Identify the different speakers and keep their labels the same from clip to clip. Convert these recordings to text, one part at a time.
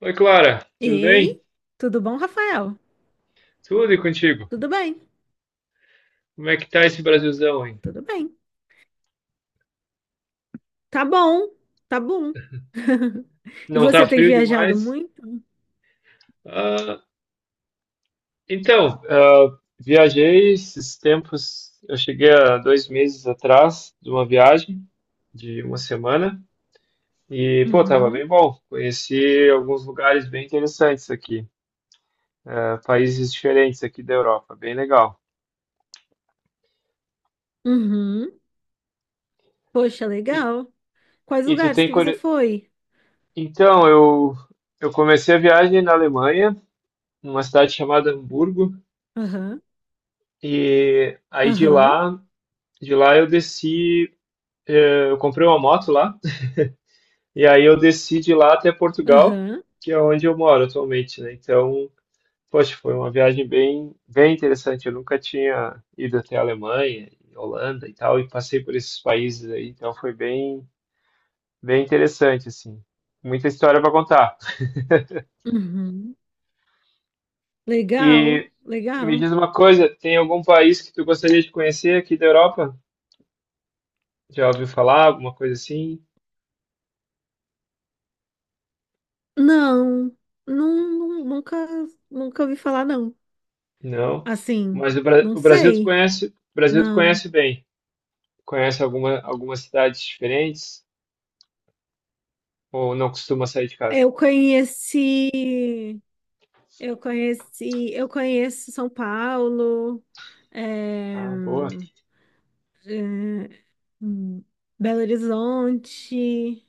Speaker 1: Oi, Clara, tudo bem?
Speaker 2: Ei, tudo bom, Rafael?
Speaker 1: Tudo e contigo?
Speaker 2: Tudo bem,
Speaker 1: Como é que tá esse Brasilzão, hein?
Speaker 2: tudo bem. Tá bom, tá bom. E
Speaker 1: Não tá
Speaker 2: você tem
Speaker 1: frio
Speaker 2: viajado
Speaker 1: demais?
Speaker 2: muito?
Speaker 1: Ah, então, viajei esses tempos, eu cheguei há 2 meses atrás de uma viagem de uma semana e, pô, tava bem
Speaker 2: Uhum,
Speaker 1: bom. Conheci alguns lugares bem interessantes aqui, ah, países diferentes aqui da Europa, bem legal.
Speaker 2: uhum. Poxa,
Speaker 1: E,
Speaker 2: legal. Quais
Speaker 1: e tu
Speaker 2: lugares
Speaker 1: tem...
Speaker 2: que você foi?
Speaker 1: Então, eu comecei a viagem na Alemanha, numa cidade chamada Hamburgo.
Speaker 2: Aham,
Speaker 1: E aí de
Speaker 2: aham,
Speaker 1: lá, eu desci, eu comprei uma moto lá, e aí eu desci de lá até Portugal,
Speaker 2: aham,
Speaker 1: que é onde eu moro atualmente, né? Então, poxa, foi uma viagem bem, bem interessante. Eu nunca tinha ido até a Alemanha, e Holanda e tal, e passei por esses países aí, então foi bem, bem interessante, assim. Muita história para contar.
Speaker 2: uhum. Legal,
Speaker 1: E, e me
Speaker 2: legal.
Speaker 1: diz uma coisa, tem algum país que tu gostaria de conhecer aqui da Europa? Já ouviu falar alguma coisa assim?
Speaker 2: Não, não, nunca, nunca ouvi falar, não.
Speaker 1: Não,
Speaker 2: Assim,
Speaker 1: mas
Speaker 2: não
Speaker 1: o Brasil tu
Speaker 2: sei,
Speaker 1: conhece, o Brasil tu
Speaker 2: não.
Speaker 1: conhece bem. Conhece algumas cidades diferentes ou não costuma sair de casa?
Speaker 2: Eu conheci. Eu conheci, eu conheço São Paulo, eh,
Speaker 1: Ah, boa.
Speaker 2: hum, Belo Horizonte,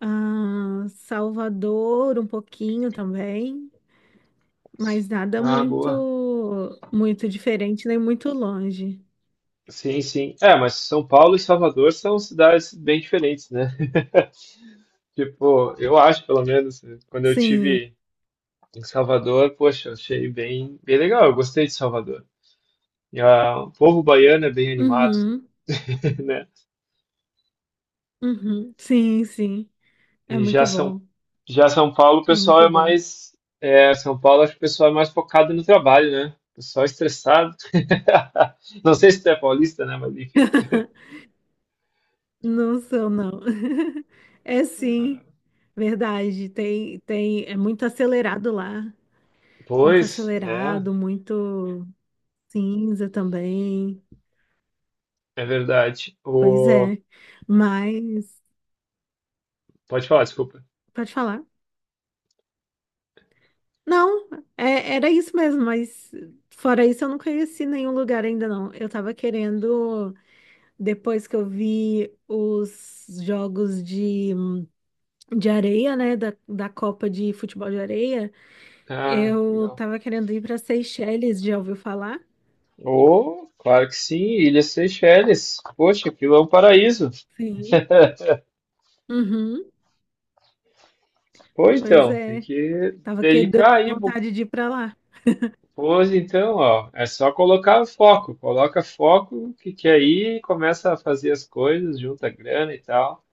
Speaker 2: ah, Salvador um pouquinho também, mas nada
Speaker 1: Ah,
Speaker 2: muito,
Speaker 1: boa.
Speaker 2: muito diferente nem muito longe.
Speaker 1: Sim, sim. É, mas São Paulo e Salvador são cidades bem diferentes, né? Tipo, eu acho, pelo menos, quando eu
Speaker 2: Sim,
Speaker 1: tive em Salvador, poxa, eu achei bem, bem legal. Eu gostei de Salvador. E ah, o povo baiano é bem animado,
Speaker 2: uhum,
Speaker 1: né?
Speaker 2: uhum, sim, sim, é
Speaker 1: E já
Speaker 2: muito
Speaker 1: São,
Speaker 2: bom,
Speaker 1: já São Paulo, o
Speaker 2: é
Speaker 1: pessoal
Speaker 2: muito
Speaker 1: é
Speaker 2: bom.
Speaker 1: mais. É, São Paulo, acho que o pessoal é mais focado no trabalho, né? O pessoal é estressado. Não sei se tu é paulista, né? Mas enfim.
Speaker 2: Não sou, não. É sim, verdade. Tem, tem, é muito acelerado lá. Muito
Speaker 1: Pois, é,
Speaker 2: acelerado, muito cinza também.
Speaker 1: é verdade.
Speaker 2: Pois
Speaker 1: O...
Speaker 2: é. Mas,
Speaker 1: Pode falar, desculpa.
Speaker 2: pode falar. Não, era isso mesmo, mas fora isso eu não conheci nenhum lugar ainda não. Eu tava querendo, depois que eu vi os jogos de areia, né, da Copa de Futebol de Areia,
Speaker 1: Ah,
Speaker 2: eu
Speaker 1: legal.
Speaker 2: tava querendo ir para Seychelles, já ouviu falar?
Speaker 1: Oh, claro que sim, Ilhas Seychelles. Poxa, aquilo é um paraíso.
Speaker 2: Sim. Uhum,
Speaker 1: Pô,
Speaker 2: pois
Speaker 1: então, tem
Speaker 2: é.
Speaker 1: que
Speaker 2: Tava que deu
Speaker 1: dedicar aí.
Speaker 2: vontade de ir para lá.
Speaker 1: Pois então, ó, é só colocar o foco, coloca foco que aí começa a fazer as coisas, junta grana e tal.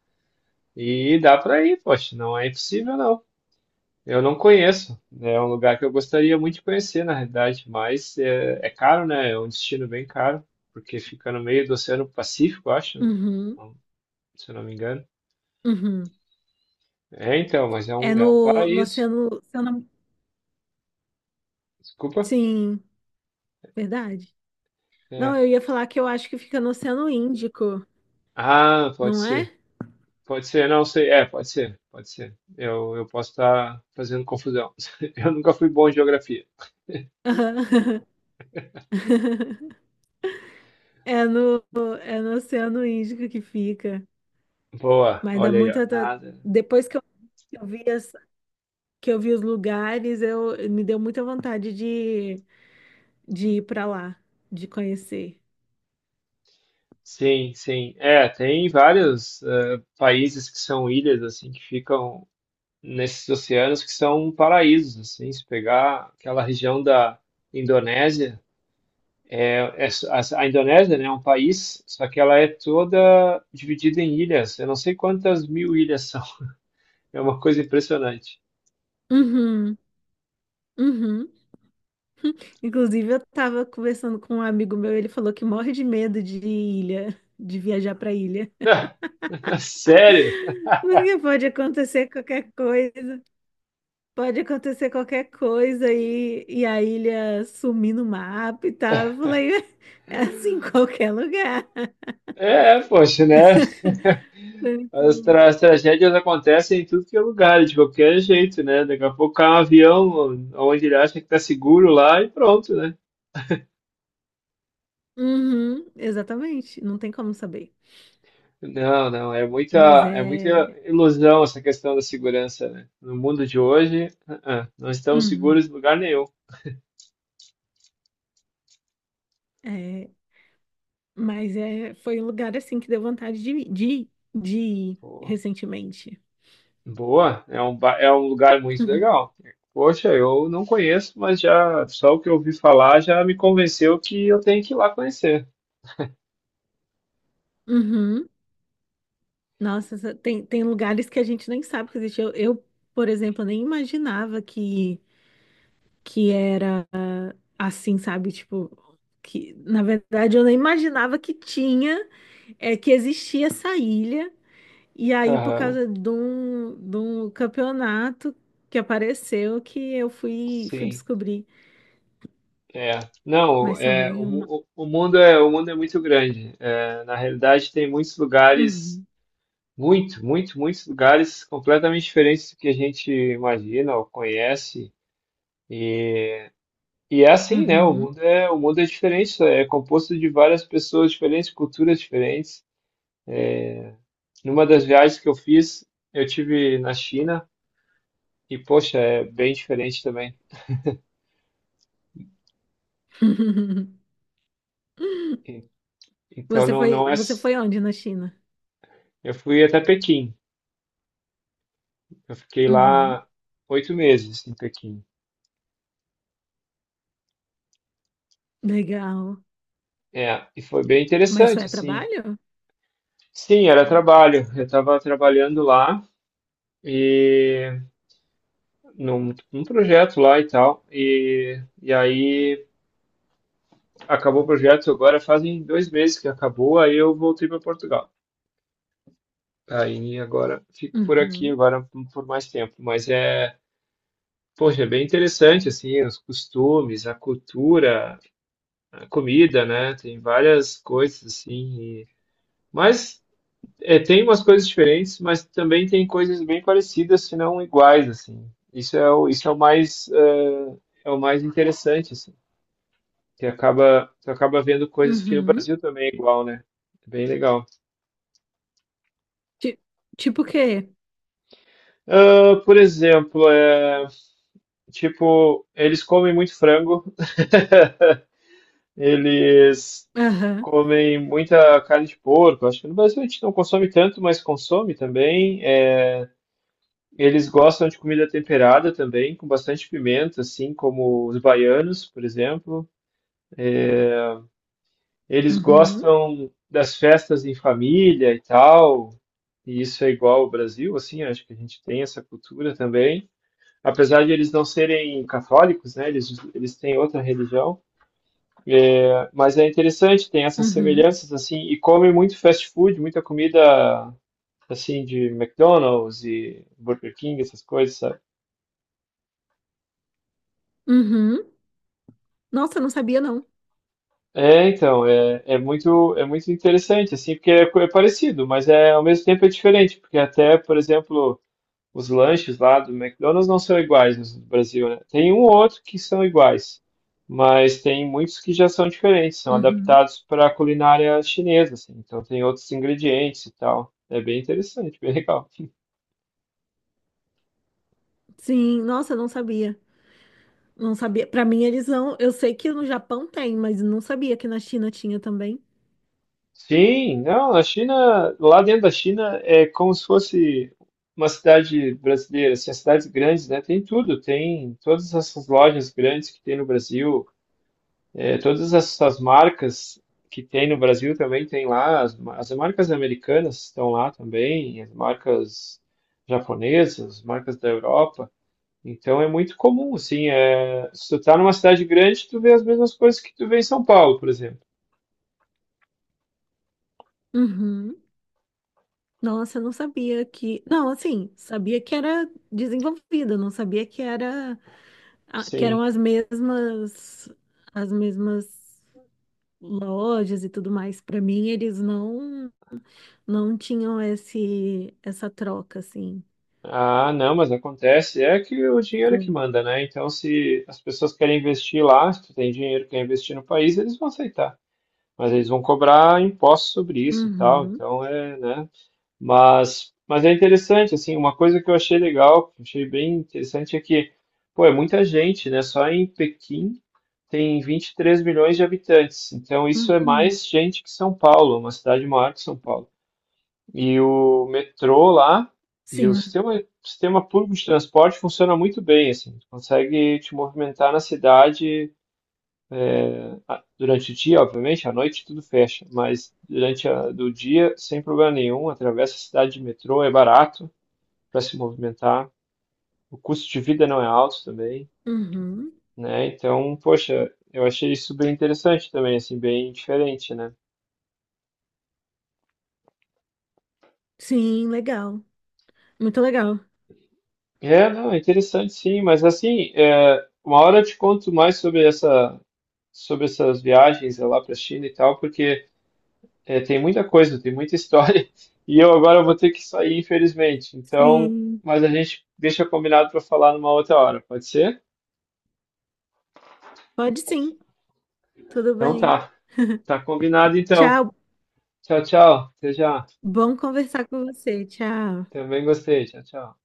Speaker 1: E dá para ir, poxa, não é impossível não. Eu não conheço, né, é um lugar que eu gostaria muito de conhecer, na realidade, mas é caro, né? É um destino bem caro, porque fica no meio do Oceano Pacífico, eu acho, né?
Speaker 2: Uhum.
Speaker 1: Então, se eu não me engano.
Speaker 2: Uhum.
Speaker 1: É, então, mas é um
Speaker 2: No
Speaker 1: paraíso.
Speaker 2: Oceano,
Speaker 1: Desculpa.
Speaker 2: Sim, verdade. Não,
Speaker 1: É.
Speaker 2: eu ia falar que eu acho que fica no Oceano Índico,
Speaker 1: Ah, pode
Speaker 2: não é?
Speaker 1: ser. Pode ser, não sei. É, pode ser, pode ser. Eu posso estar fazendo confusão. Eu nunca fui bom em geografia.
Speaker 2: Aham. É no, é no Oceano Índico que fica.
Speaker 1: Boa,
Speaker 2: Mas dá
Speaker 1: olha aí, ó.
Speaker 2: muita.
Speaker 1: Nada.
Speaker 2: Depois que eu, que eu vi as- que eu vi os lugares, eu me deu muita vontade de ir para lá, de conhecer.
Speaker 1: Sim, sim. É, tem vários países que são ilhas, assim, que ficam nesses oceanos que são paraísos, assim. Se pegar aquela região da Indonésia, a Indonésia, né, é um país, só que ela é toda dividida em ilhas. Eu não sei quantas mil ilhas são. É uma coisa impressionante.
Speaker 2: Uhum, uhum. Inclusive, eu tava conversando com um amigo meu, ele falou que morre de medo de ilha, de viajar para ilha.
Speaker 1: Sério?
Speaker 2: Porque pode acontecer qualquer coisa, pode acontecer qualquer coisa e a ilha sumir no mapa e tal.
Speaker 1: É,
Speaker 2: Eu falei, é assim em qualquer lugar.
Speaker 1: é, poxa, né?
Speaker 2: Foi muito-
Speaker 1: Tragédias acontecem em tudo que é lugar, de qualquer jeito, né? Daqui a pouco cai um avião onde ele acha que tá seguro lá e pronto, né?
Speaker 2: Uhum, exatamente, não tem como saber.
Speaker 1: Não, não,
Speaker 2: Mas
Speaker 1: é muita
Speaker 2: é.
Speaker 1: ilusão essa questão da segurança, né? No mundo de hoje, não estamos
Speaker 2: Uhum,
Speaker 1: seguros em lugar nenhum.
Speaker 2: é- Mas é... foi um lugar assim que deu vontade de ir recentemente.
Speaker 1: Boa, é um lugar muito legal. Poxa, eu não conheço, mas já só o que eu ouvi falar já me convenceu que eu tenho que ir lá conhecer.
Speaker 2: Uhum. Nossa, tem, tem lugares que a gente nem sabe que existe. Eu, por exemplo, nem imaginava que era assim, sabe? Tipo, que na verdade eu nem imaginava que tinha, é, que existia essa ilha. E aí, por
Speaker 1: Aham,
Speaker 2: causa de um campeonato que apareceu, que eu fui, fui
Speaker 1: sim,
Speaker 2: descobrir.
Speaker 1: é. Não,
Speaker 2: Mas
Speaker 1: é,
Speaker 2: também uma.
Speaker 1: o mundo é muito grande. É, na realidade, tem muitos lugares,
Speaker 2: Uhum,
Speaker 1: muito, muito, muitos lugares completamente diferentes do que a gente imagina ou conhece. E é assim, né?
Speaker 2: uhum.
Speaker 1: O mundo é diferente, é composto de várias pessoas diferentes, culturas diferentes. Numa das viagens que eu fiz, eu tive na China e, poxa, é bem diferente também. E- Então não, não é.
Speaker 2: Você foi onde na China?
Speaker 1: Eu fui até Pequim. Eu fiquei
Speaker 2: Uhum,
Speaker 1: lá 8 meses em Pequim.
Speaker 2: legal.
Speaker 1: É, e foi bem
Speaker 2: Mas só
Speaker 1: interessante,
Speaker 2: é
Speaker 1: assim.
Speaker 2: trabalho?
Speaker 1: Sim, era trabalho. Eu estava trabalhando lá e num projeto lá e tal. E aí acabou o projeto. Agora fazem 2 meses que acabou. Aí eu voltei para Portugal. Aí agora fico por aqui
Speaker 2: Uhum.
Speaker 1: agora por mais tempo, mas é, poxa, é bem interessante assim, os costumes, a cultura, a comida, né? Tem várias coisas assim, e- mas é, tem umas coisas diferentes, mas também tem coisas bem parecidas, se não iguais assim. Isso é o mais é, o mais interessante assim, que acaba tu acaba vendo coisas que no
Speaker 2: Uhum.
Speaker 1: Brasil também é igual, né? É bem legal.
Speaker 2: Ti- Tipo o quê?
Speaker 1: Ah, por exemplo, é, tipo, eles comem muito frango. Eles
Speaker 2: Aham.
Speaker 1: comem muita carne de porco. Acho que no Brasil a gente não consome tanto, mas consome também. É, eles gostam de comida temperada também, com bastante pimenta, assim como os baianos, por exemplo. Eles
Speaker 2: Uhum.
Speaker 1: gostam das festas em família e tal. E isso é igual ao Brasil, assim, acho que a gente tem essa cultura também. Apesar de eles não serem católicos, né? Eles têm outra religião. Mas é interessante, tem essas
Speaker 2: Uhum.
Speaker 1: semelhanças, assim, e come muito fast food, muita comida, assim, de McDonald's e Burger King, essas coisas, sabe?
Speaker 2: Uhum. Nossa, eu não sabia, não.
Speaker 1: É, então, é, é muito interessante, assim, porque é, é parecido, mas é, ao mesmo tempo é diferente, porque até, por exemplo, os lanches lá do McDonald's não são iguais no Brasil, né? Tem um ou outro que são iguais, mas tem muitos que já são diferentes, são
Speaker 2: Uhum.
Speaker 1: adaptados para a culinária chinesa, assim, então tem outros ingredientes e tal. É bem interessante, bem legal.
Speaker 2: Sim, nossa, eu não sabia. Não sabia. Pra mim, eles não. Eu sei que no Japão tem, mas não sabia que na China tinha também.
Speaker 1: Sim, não, a China, lá dentro da China é como se fosse uma cidade brasileira, assim, as cidades grandes, né? Tem tudo, tem todas essas lojas grandes que tem no Brasil, é, todas essas marcas que tem no Brasil também tem lá, as marcas americanas estão lá também, as marcas japonesas, as marcas da Europa. Então é muito comum, assim, é, se tu tá numa cidade grande, tu vê as mesmas coisas que tu vê em São Paulo, por exemplo.
Speaker 2: Uhum. Nossa, eu não sabia que. Não, assim, sabia que era desenvolvida, não sabia que era ah, que
Speaker 1: Sim.
Speaker 2: eram as mesmas lojas e tudo mais. Pra mim, eles não. Não tinham esse, essa troca, assim,
Speaker 1: Ah, não, mas acontece. É que o dinheiro é que
Speaker 2: com.
Speaker 1: manda, né? Então, se as pessoas querem investir lá, se tu tem dinheiro que quer investir no país, eles vão aceitar. Mas eles vão cobrar impostos sobre isso e tal.
Speaker 2: Uhum,
Speaker 1: Então, é, né? Mas é interessante, assim, uma coisa que eu achei legal, que eu achei bem interessante é que, pô, é muita gente, né? Só em Pequim tem 23 milhões de habitantes. Então, isso é
Speaker 2: uhum,
Speaker 1: mais gente que São Paulo, uma cidade maior que São Paulo. E o metrô lá e o
Speaker 2: sim,
Speaker 1: sistema público de transporte funciona muito bem, assim. Tu consegue te movimentar na cidade durante o dia, obviamente, à noite tudo fecha, mas durante a, do dia, sem problema nenhum, atravessa a cidade de metrô, é barato para se movimentar. O custo de vida não é alto também,
Speaker 2: uhum,
Speaker 1: né? Então, poxa, eu achei isso bem interessante também, assim, bem diferente, né?
Speaker 2: sim, legal, muito legal.
Speaker 1: É, não, é interessante sim, mas assim, é, uma hora eu te conto mais sobre essa sobre essas viagens é, lá para a China e tal, porque é, tem muita coisa, tem muita história, e eu agora vou ter que sair, infelizmente. Então,
Speaker 2: Sim,
Speaker 1: mas a gente deixa combinado para falar numa outra hora, pode ser?
Speaker 2: pode sim, tudo
Speaker 1: Então
Speaker 2: bem.
Speaker 1: tá, tá combinado então.
Speaker 2: Tchau,
Speaker 1: Tchau, tchau. Até já.
Speaker 2: bom conversar com você, tchau.
Speaker 1: Também gostei. Tchau, tchau.